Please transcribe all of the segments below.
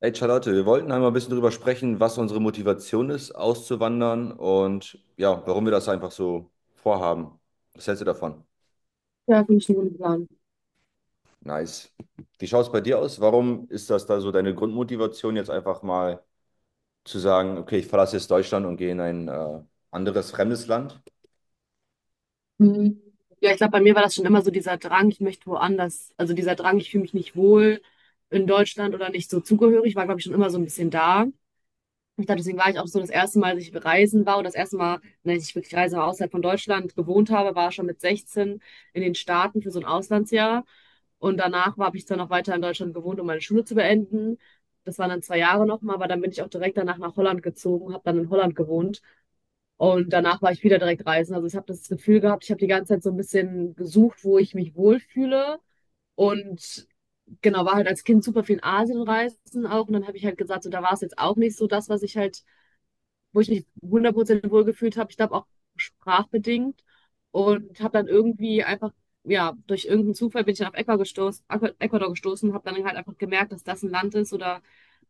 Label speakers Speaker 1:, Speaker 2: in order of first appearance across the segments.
Speaker 1: Hey Charlotte, wir wollten einmal ein bisschen drüber sprechen, was unsere Motivation ist, auszuwandern und ja, warum wir das einfach so vorhaben. Was hältst du davon?
Speaker 2: Ja, finde ich einen guten Plan.
Speaker 1: Nice. Wie schaut es bei dir aus? Warum ist das da so deine Grundmotivation, jetzt einfach mal zu sagen, okay, ich verlasse jetzt Deutschland und gehe in ein anderes fremdes Land?
Speaker 2: Mhm. Ja, ich glaube, bei mir war das schon immer so dieser Drang, ich möchte woanders, also dieser Drang, ich fühle mich nicht wohl in Deutschland oder nicht so zugehörig, war, glaube ich, schon immer so ein bisschen da. Ich glaube, deswegen war ich auch so das erste Mal, dass ich reisen war und das erste Mal, wenn ich wirklich reise, aber außerhalb von Deutschland gewohnt habe, war schon mit 16 in den Staaten für so ein Auslandsjahr. Und danach habe ich dann noch weiter in Deutschland gewohnt, um meine Schule zu beenden. Das waren dann 2 Jahre nochmal, aber dann bin ich auch direkt danach nach Holland gezogen, habe dann in Holland gewohnt. Und danach war ich wieder direkt reisen. Also ich habe das Gefühl gehabt, ich habe die ganze Zeit so ein bisschen gesucht, wo ich mich wohlfühle. Und genau, war halt als Kind super viel in Asien reisen auch. Und dann habe ich halt gesagt, so, da war es jetzt auch nicht so das, was ich halt, wo ich mich 100% wohlgefühlt habe. Ich glaube auch sprachbedingt. Und habe dann irgendwie einfach, ja, durch irgendeinen Zufall bin ich dann auf Ecuador gestoßen, Ecuador gestoßen, habe dann halt einfach gemerkt, dass das ein Land ist oder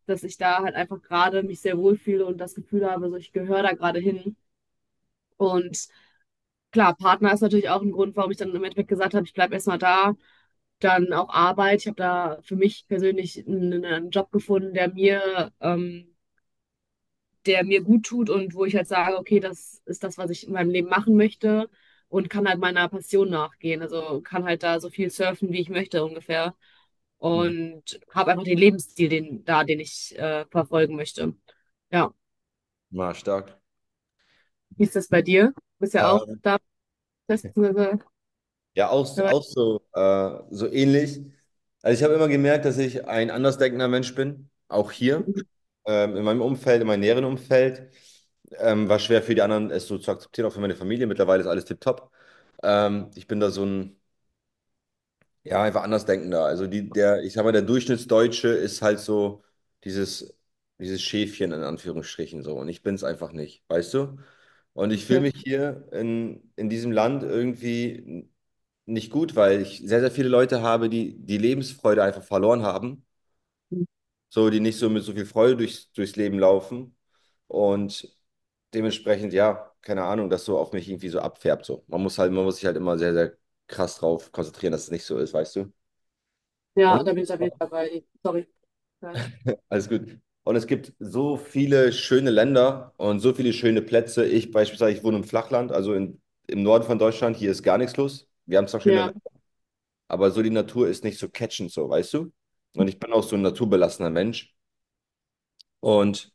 Speaker 2: dass ich da halt einfach gerade mich sehr wohlfühle und das Gefühl habe, so ich gehöre da gerade hin. Und klar, Partner ist natürlich auch ein Grund, warum ich dann im Endeffekt gesagt habe, ich bleibe erstmal da. Dann auch Arbeit. Ich habe da für mich persönlich einen Job gefunden, der mir gut tut und wo ich halt sage, okay, das ist das, was ich in meinem Leben machen möchte und kann halt meiner Passion nachgehen. Also kann halt da so viel surfen, wie ich möchte ungefähr.
Speaker 1: Hm.
Speaker 2: Und habe einfach den Lebensstil den ich verfolgen möchte. Ja,
Speaker 1: War stark.
Speaker 2: wie ist das bei dir? Du bist ja auch da, beziehungsweise
Speaker 1: Ja, auch, auch
Speaker 2: dabei.
Speaker 1: so, so ähnlich. Also ich habe immer gemerkt, dass ich ein andersdenkender Mensch bin, auch hier, in meinem Umfeld, in meinem näheren Umfeld. War schwer für die anderen, es so zu akzeptieren, auch für meine Familie. Mittlerweile ist alles tipptopp. Ich bin da so ein, ja, einfach andersdenkender. Also die, der, ich sag mal, der Durchschnittsdeutsche ist halt so dieses, dieses Schäfchen in Anführungsstrichen so. Und ich bin es einfach nicht, weißt du? Und ich fühle
Speaker 2: Okay.
Speaker 1: mich hier in diesem Land irgendwie nicht gut, weil ich sehr, sehr viele Leute habe, die die Lebensfreude einfach verloren haben, so die nicht so mit so viel Freude durchs Leben laufen und dementsprechend, ja, keine Ahnung, das so auf mich irgendwie so abfärbt. So. Man muss sich halt immer sehr, sehr krass drauf konzentrieren, dass es nicht so ist, weißt du? Und
Speaker 2: Ja, da bin ich auf jeden Fall bei dir. Sorry. Weiter.
Speaker 1: alles gut. Und es gibt so viele schöne Länder und so viele schöne Plätze. Ich beispielsweise, ich wohne im Flachland, im Norden von Deutschland. Hier ist gar nichts los. Wir haben zwar schöne
Speaker 2: Ja.
Speaker 1: aber so die Natur ist nicht so catchend, so, weißt du? Und ich bin auch so ein naturbelassener Mensch und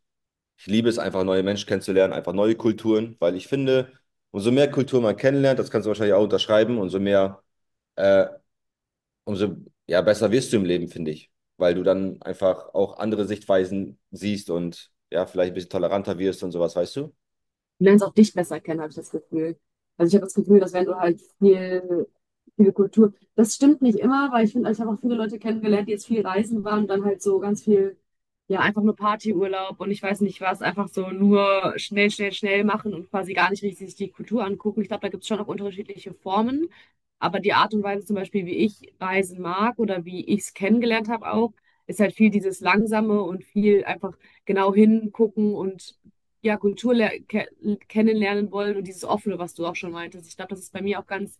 Speaker 1: ich liebe es einfach, neue Menschen kennenzulernen, einfach neue Kulturen, weil ich finde, umso mehr Kultur man kennenlernt, das kannst du wahrscheinlich auch unterschreiben, umso mehr, äh, umso ja, besser wirst du im Leben, finde ich, weil du dann einfach auch andere Sichtweisen siehst und ja, vielleicht ein bisschen toleranter wirst und sowas, weißt du?
Speaker 2: Du lernst auch dich besser kennen, habe ich das Gefühl. Also ich habe das Gefühl, dass wenn du halt viele Kultur, das stimmt nicht immer, weil ich finde, ich habe auch viele Leute kennengelernt, die jetzt viel reisen waren und dann halt so ganz viel, ja, einfach nur Partyurlaub und ich weiß nicht was, einfach so nur schnell, schnell, schnell machen und quasi gar nicht richtig sich die Kultur angucken. Ich glaube, da gibt es schon auch unterschiedliche Formen, aber die Art und Weise zum Beispiel, wie ich reisen mag oder wie ich es kennengelernt habe auch, ist halt viel dieses Langsame und viel einfach genau hingucken und ja, Kultur le- ke kennenlernen wollen und dieses Offene, was du auch schon meintest. Ich glaube, das ist bei mir auch ganz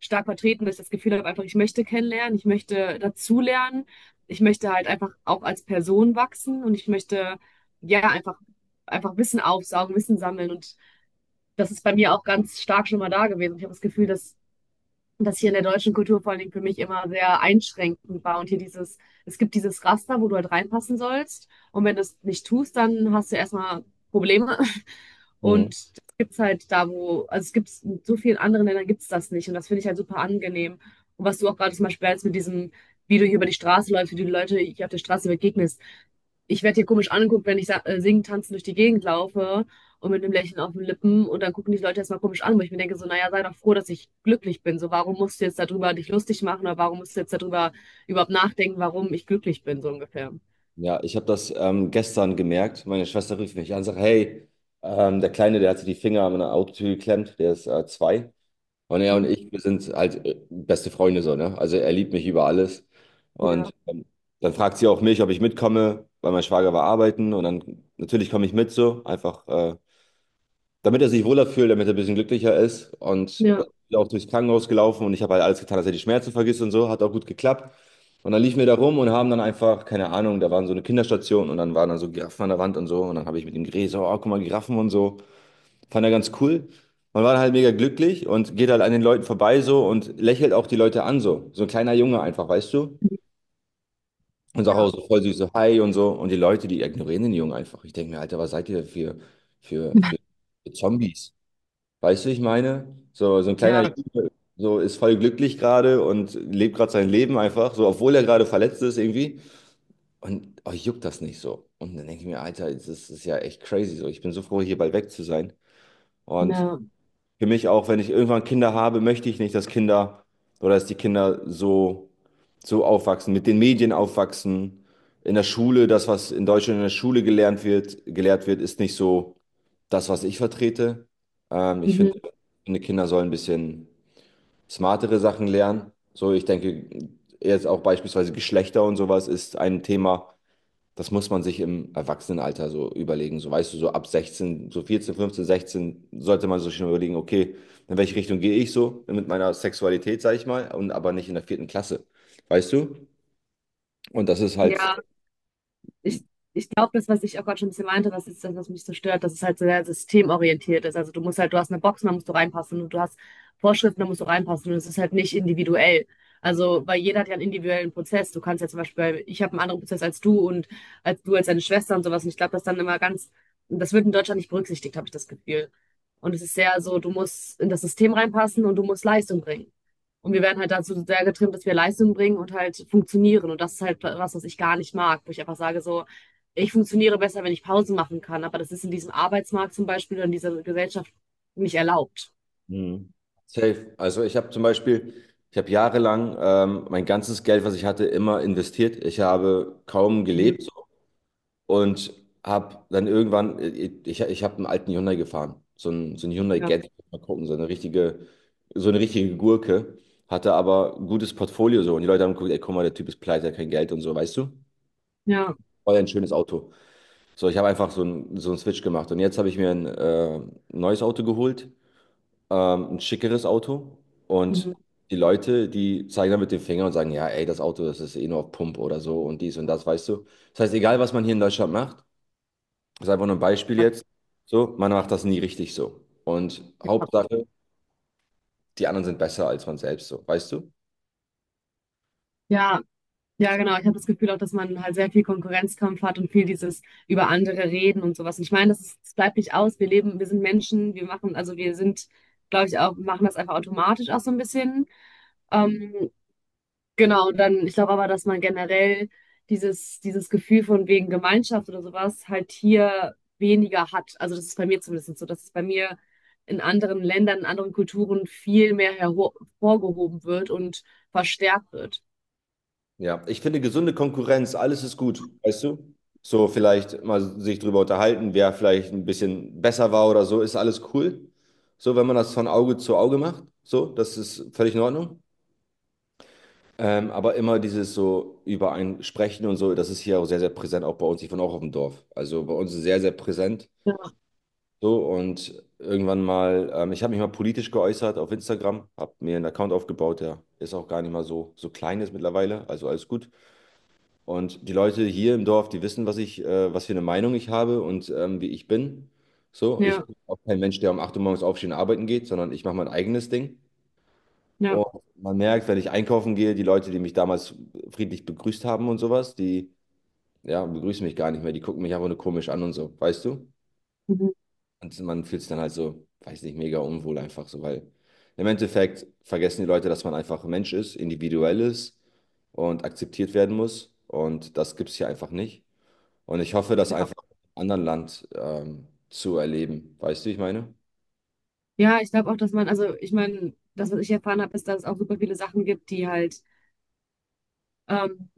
Speaker 2: stark vertreten, dass ich das Gefühl habe, einfach, ich möchte kennenlernen, ich möchte dazulernen, ich möchte halt einfach auch als Person wachsen und ich möchte, ja, einfach, einfach Wissen aufsaugen, Wissen sammeln. Und das ist bei mir auch ganz stark schon mal da gewesen. Ich habe das Gefühl, dass das hier in der deutschen Kultur vor allen Dingen für mich immer sehr einschränkend war. Und hier dieses, es gibt dieses Raster, wo du halt reinpassen sollst. Und wenn du es nicht tust, dann hast du erstmal Probleme.
Speaker 1: Mhm.
Speaker 2: Und das gibt es halt da, wo, also es gibt es in so vielen anderen Ländern gibt es das nicht. Und das finde ich halt super angenehm. Und was du auch gerade zum Beispiel jetzt mit diesem, wie du hier über die Straße läufst, wie du die Leute hier auf der Straße begegnest. Ich werde hier komisch angeguckt, wenn ich singen, tanzen durch die Gegend laufe und mit einem Lächeln auf den Lippen. Und dann gucken die Leute erstmal komisch an, wo ich mir denke, so, naja, sei doch froh, dass ich glücklich bin. So, warum musst du jetzt darüber dich lustig machen oder warum musst du jetzt darüber überhaupt nachdenken, warum ich glücklich bin, so ungefähr.
Speaker 1: Ja, ich habe das gestern gemerkt. Meine Schwester rief mich an und sagt, hey, der Kleine, der hat sich die Finger an meiner Autotür geklemmt, der ist 2. Und er und
Speaker 2: Hm?
Speaker 1: ich, wir sind halt beste Freunde so, ne? Also er liebt mich über alles. Und
Speaker 2: Ja,
Speaker 1: dann fragt sie auch mich, ob ich mitkomme, weil mein Schwager war arbeiten. Und dann natürlich komme ich mit so, einfach, damit er sich wohler fühlt, damit er ein bisschen glücklicher ist. Und dann bin
Speaker 2: ja,
Speaker 1: ich auch durchs Krankenhaus gelaufen und ich habe halt alles getan, dass er die Schmerzen vergisst und so. Hat auch gut geklappt. Und dann liefen wir da rum und haben dann einfach, keine Ahnung, da waren so eine Kinderstation und dann waren da so Giraffen an der Wand und so. Und dann habe ich mit ihm geredet, so, oh, guck mal, Giraffen und so. Fand er ganz cool. Man war halt mega glücklich und geht halt an den Leuten vorbei so und lächelt auch die Leute an so. So ein kleiner Junge einfach, weißt du? Und sagt
Speaker 2: ja,
Speaker 1: auch so voll süß so Hi und so. Und die Leute, die ignorieren den Jungen einfach. Ich denke mir, Alter, was seid ihr für, für, für Zombies? Weißt du, wie ich meine? So, so ein kleiner
Speaker 2: ja,
Speaker 1: Junge so ist voll glücklich gerade und lebt gerade sein Leben einfach, so obwohl er gerade verletzt ist irgendwie. Und euch juckt das nicht so. Und dann denke ich mir, Alter, das ist ja echt crazy so. Ich bin so froh, hier bald weg zu sein. Und
Speaker 2: ja.
Speaker 1: für mich auch, wenn ich irgendwann Kinder habe, möchte ich nicht, dass Kinder oder dass die Kinder so, so aufwachsen, mit den Medien aufwachsen. In der Schule, das, was in Deutschland in der Schule gelernt wird, gelehrt wird, ist nicht so das, was ich vertrete. Ähm, ich finde,
Speaker 2: Mhm.
Speaker 1: finde, Kinder sollen ein bisschen smartere Sachen lernen. So, ich denke, jetzt auch beispielsweise Geschlechter und sowas ist ein Thema, das muss man sich im Erwachsenenalter so überlegen. So weißt du, so ab 16, so 14, 15, 16 sollte man sich schon überlegen, okay, in welche Richtung gehe ich so mit meiner Sexualität, sage ich mal, und aber nicht in der vierten Klasse. Weißt du? Und das ist halt
Speaker 2: Ja, ich, ich glaube, das, was ich auch gerade schon ein bisschen meinte, das ist das, was mich so stört, dass es halt so sehr systemorientiert ist. Also du musst halt, du hast eine Box, da musst du reinpassen und du hast Vorschriften, da musst du reinpassen und es ist halt nicht individuell. Also, weil jeder hat ja einen individuellen Prozess. Du kannst ja zum Beispiel, ich habe einen anderen Prozess als du und als du als deine Schwester und sowas. Und ich glaube, das dann immer ganz, das wird in Deutschland nicht berücksichtigt, habe ich das Gefühl. Und es ist sehr so, du musst in das System reinpassen und du musst Leistung bringen. Und wir werden halt dazu sehr getrimmt, dass wir Leistung bringen und halt funktionieren. Und das ist halt was, was ich gar nicht mag, wo ich einfach sage, so, ich funktioniere besser, wenn ich Pausen machen kann. Aber das ist in diesem Arbeitsmarkt zum Beispiel oder in dieser Gesellschaft nicht erlaubt.
Speaker 1: mhm, safe. Also ich habe zum Beispiel, ich habe jahrelang mein ganzes Geld, was ich hatte, immer investiert. Ich habe kaum
Speaker 2: Mhm.
Speaker 1: gelebt. Und habe dann irgendwann, ich habe einen alten Hyundai gefahren, so ein Hyundai
Speaker 2: Ja,
Speaker 1: Getz, mal gucken, so eine richtige Gurke, hatte aber ein gutes Portfolio so und die Leute haben geguckt, ey, guck mal, der Typ ist pleite, hat kein Geld und so, weißt du?
Speaker 2: ja,
Speaker 1: Voll ein schönes Auto. So, ich habe einfach so einen Switch gemacht und jetzt habe ich mir ein neues Auto geholt, ein schickeres Auto und
Speaker 2: Mhm.
Speaker 1: die Leute, die zeigen dann mit dem Finger und sagen, ja, ey, das Auto, das ist eh nur auf Pump oder so und dies und das, weißt du? Das heißt, egal was man hier in Deutschland macht, das ist einfach nur ein Beispiel jetzt. So, man macht das nie richtig so. Und
Speaker 2: Ja,
Speaker 1: Hauptsache, die anderen sind besser als man selbst so, weißt du?
Speaker 2: ja, ja,
Speaker 1: So.
Speaker 2: genau. Ich habe das Gefühl auch, dass man halt sehr viel Konkurrenzkampf hat und viel dieses über andere reden und sowas. Und ich meine, das, ist, das bleibt nicht aus. Wir leben, wir sind Menschen, wir machen, also wir sind, glaube ich, auch, machen das einfach automatisch auch so ein bisschen. Ähm, Genau, und dann, ich glaube aber, dass man generell dieses Gefühl von wegen Gemeinschaft oder sowas halt hier weniger hat. Also das ist bei mir zumindest so, dass es bei mir in anderen Ländern, in anderen Kulturen viel mehr hervorgehoben wird und verstärkt wird.
Speaker 1: Ja, ich finde gesunde Konkurrenz, alles ist gut, weißt du? So vielleicht mal sich drüber unterhalten, wer vielleicht ein bisschen besser war oder so, ist alles cool. So, wenn man das von Auge zu Auge macht, so, das ist völlig in Ordnung. Aber immer dieses so über ein Sprechen und so, das ist hier auch sehr, sehr präsent, auch bei uns. Ich wohne auch auf dem Dorf. Also bei uns ist sehr, sehr präsent.
Speaker 2: Ja,
Speaker 1: So, und irgendwann mal, ich habe mich mal politisch geäußert auf Instagram, habe mir einen Account aufgebaut, der ist auch gar nicht mal so klein ist mittlerweile, also alles gut. Und die Leute hier im Dorf, die wissen, was ich, was für eine Meinung ich habe und wie ich bin. So, ich
Speaker 2: ja,
Speaker 1: bin auch kein Mensch, der um 8 Uhr morgens aufstehen und arbeiten geht, sondern ich mache mein eigenes Ding.
Speaker 2: ja.
Speaker 1: Und man merkt, wenn ich einkaufen gehe, die Leute, die mich damals friedlich begrüßt haben und sowas, die, ja, begrüßen mich gar nicht mehr, die gucken mich einfach nur komisch an und so, weißt du?
Speaker 2: Mhm.
Speaker 1: Und man fühlt sich dann halt so, weiß nicht, mega unwohl einfach so, weil im Endeffekt vergessen die Leute, dass man einfach ein Mensch ist, individuell ist und akzeptiert werden muss. Und das gibt es hier einfach nicht. Und ich hoffe, das
Speaker 2: Ja,
Speaker 1: einfach in einem anderen Land zu erleben. Weißt du, wie ich meine?
Speaker 2: Ja, ich glaube auch, dass man, also ich meine, das, was ich erfahren habe, ist, dass es auch super viele Sachen gibt, die halt ähm,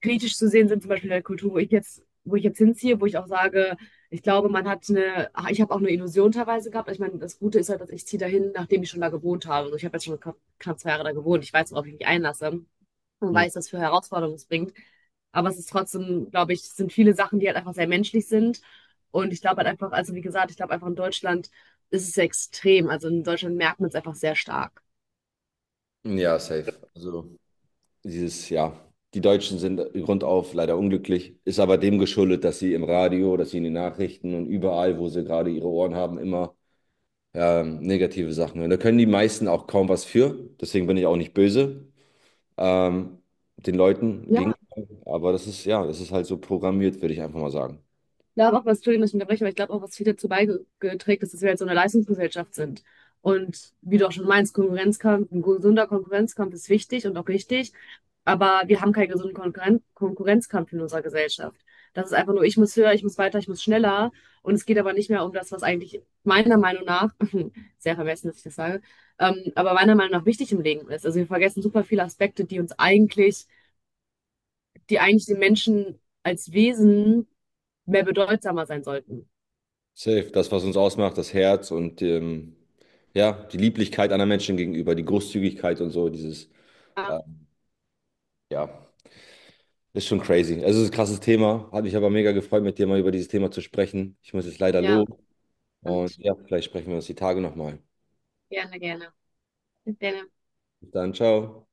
Speaker 2: kritisch zu sehen sind, zum Beispiel in der Kultur, wo ich jetzt hinziehe, wo ich auch sage, ich glaube, man hat ich habe auch eine Illusion teilweise gehabt. Ich meine, das Gute ist halt, dass ich ziehe dahin, nachdem ich schon da gewohnt habe. Also ich habe jetzt schon knapp 2 Jahre da gewohnt. Ich weiß, worauf ich mich einlasse und
Speaker 1: Hm.
Speaker 2: weiß, was für Herausforderungen es bringt. Aber es ist trotzdem, glaube ich, es sind viele Sachen, die halt einfach sehr menschlich sind. Und ich glaube halt einfach, also wie gesagt, ich glaube einfach in Deutschland ist es extrem. Also in Deutschland merkt man es einfach sehr stark.
Speaker 1: Ja, safe. Also dieses, ja, die Deutschen sind grundauf leider unglücklich, ist aber dem geschuldet, dass sie im Radio, dass sie in den Nachrichten und überall, wo sie gerade ihre Ohren haben, immer negative Sachen. Und da können die meisten auch kaum was für. Deswegen bin ich auch nicht böse ähm, den Leuten gegen.
Speaker 2: Ja,
Speaker 1: Aber das ist, ja, das ist halt so programmiert, würde ich einfach mal sagen.
Speaker 2: glaube auch, was, Entschuldigung, dass ich unterbreche, aber ich glaube auch, was viel dazu beigeträgt ist, dass wir jetzt so eine Leistungsgesellschaft sind. Und wie du auch schon meinst, Konkurrenzkampf, ein gesunder Konkurrenzkampf ist wichtig und auch richtig, aber wir haben keinen gesunden Konkurrenzkampf in unserer Gesellschaft. Das ist einfach nur, ich muss höher, ich muss weiter, ich muss schneller. Und es geht aber nicht mehr um das, was eigentlich meiner Meinung nach, sehr vermessen, dass ich das sage, aber meiner Meinung nach wichtig im Leben ist. Also wir vergessen super viele Aspekte, die uns eigentlich, die eigentlich den Menschen als Wesen mehr bedeutsamer sein sollten.
Speaker 1: Safe, das, was uns ausmacht, das Herz und ja, die Lieblichkeit anderen Menschen gegenüber, die Großzügigkeit und so,
Speaker 2: Ja,
Speaker 1: äh, ja, ist schon crazy. Also, es ist ein krasses Thema. Hat mich aber mega gefreut, mit dir mal über dieses Thema zu sprechen. Ich muss jetzt leider
Speaker 2: ja,
Speaker 1: los und
Speaker 2: und
Speaker 1: ja, vielleicht sprechen wir uns die Tage nochmal.
Speaker 2: gerne, gerne. Gerne.
Speaker 1: Bis dann, ciao.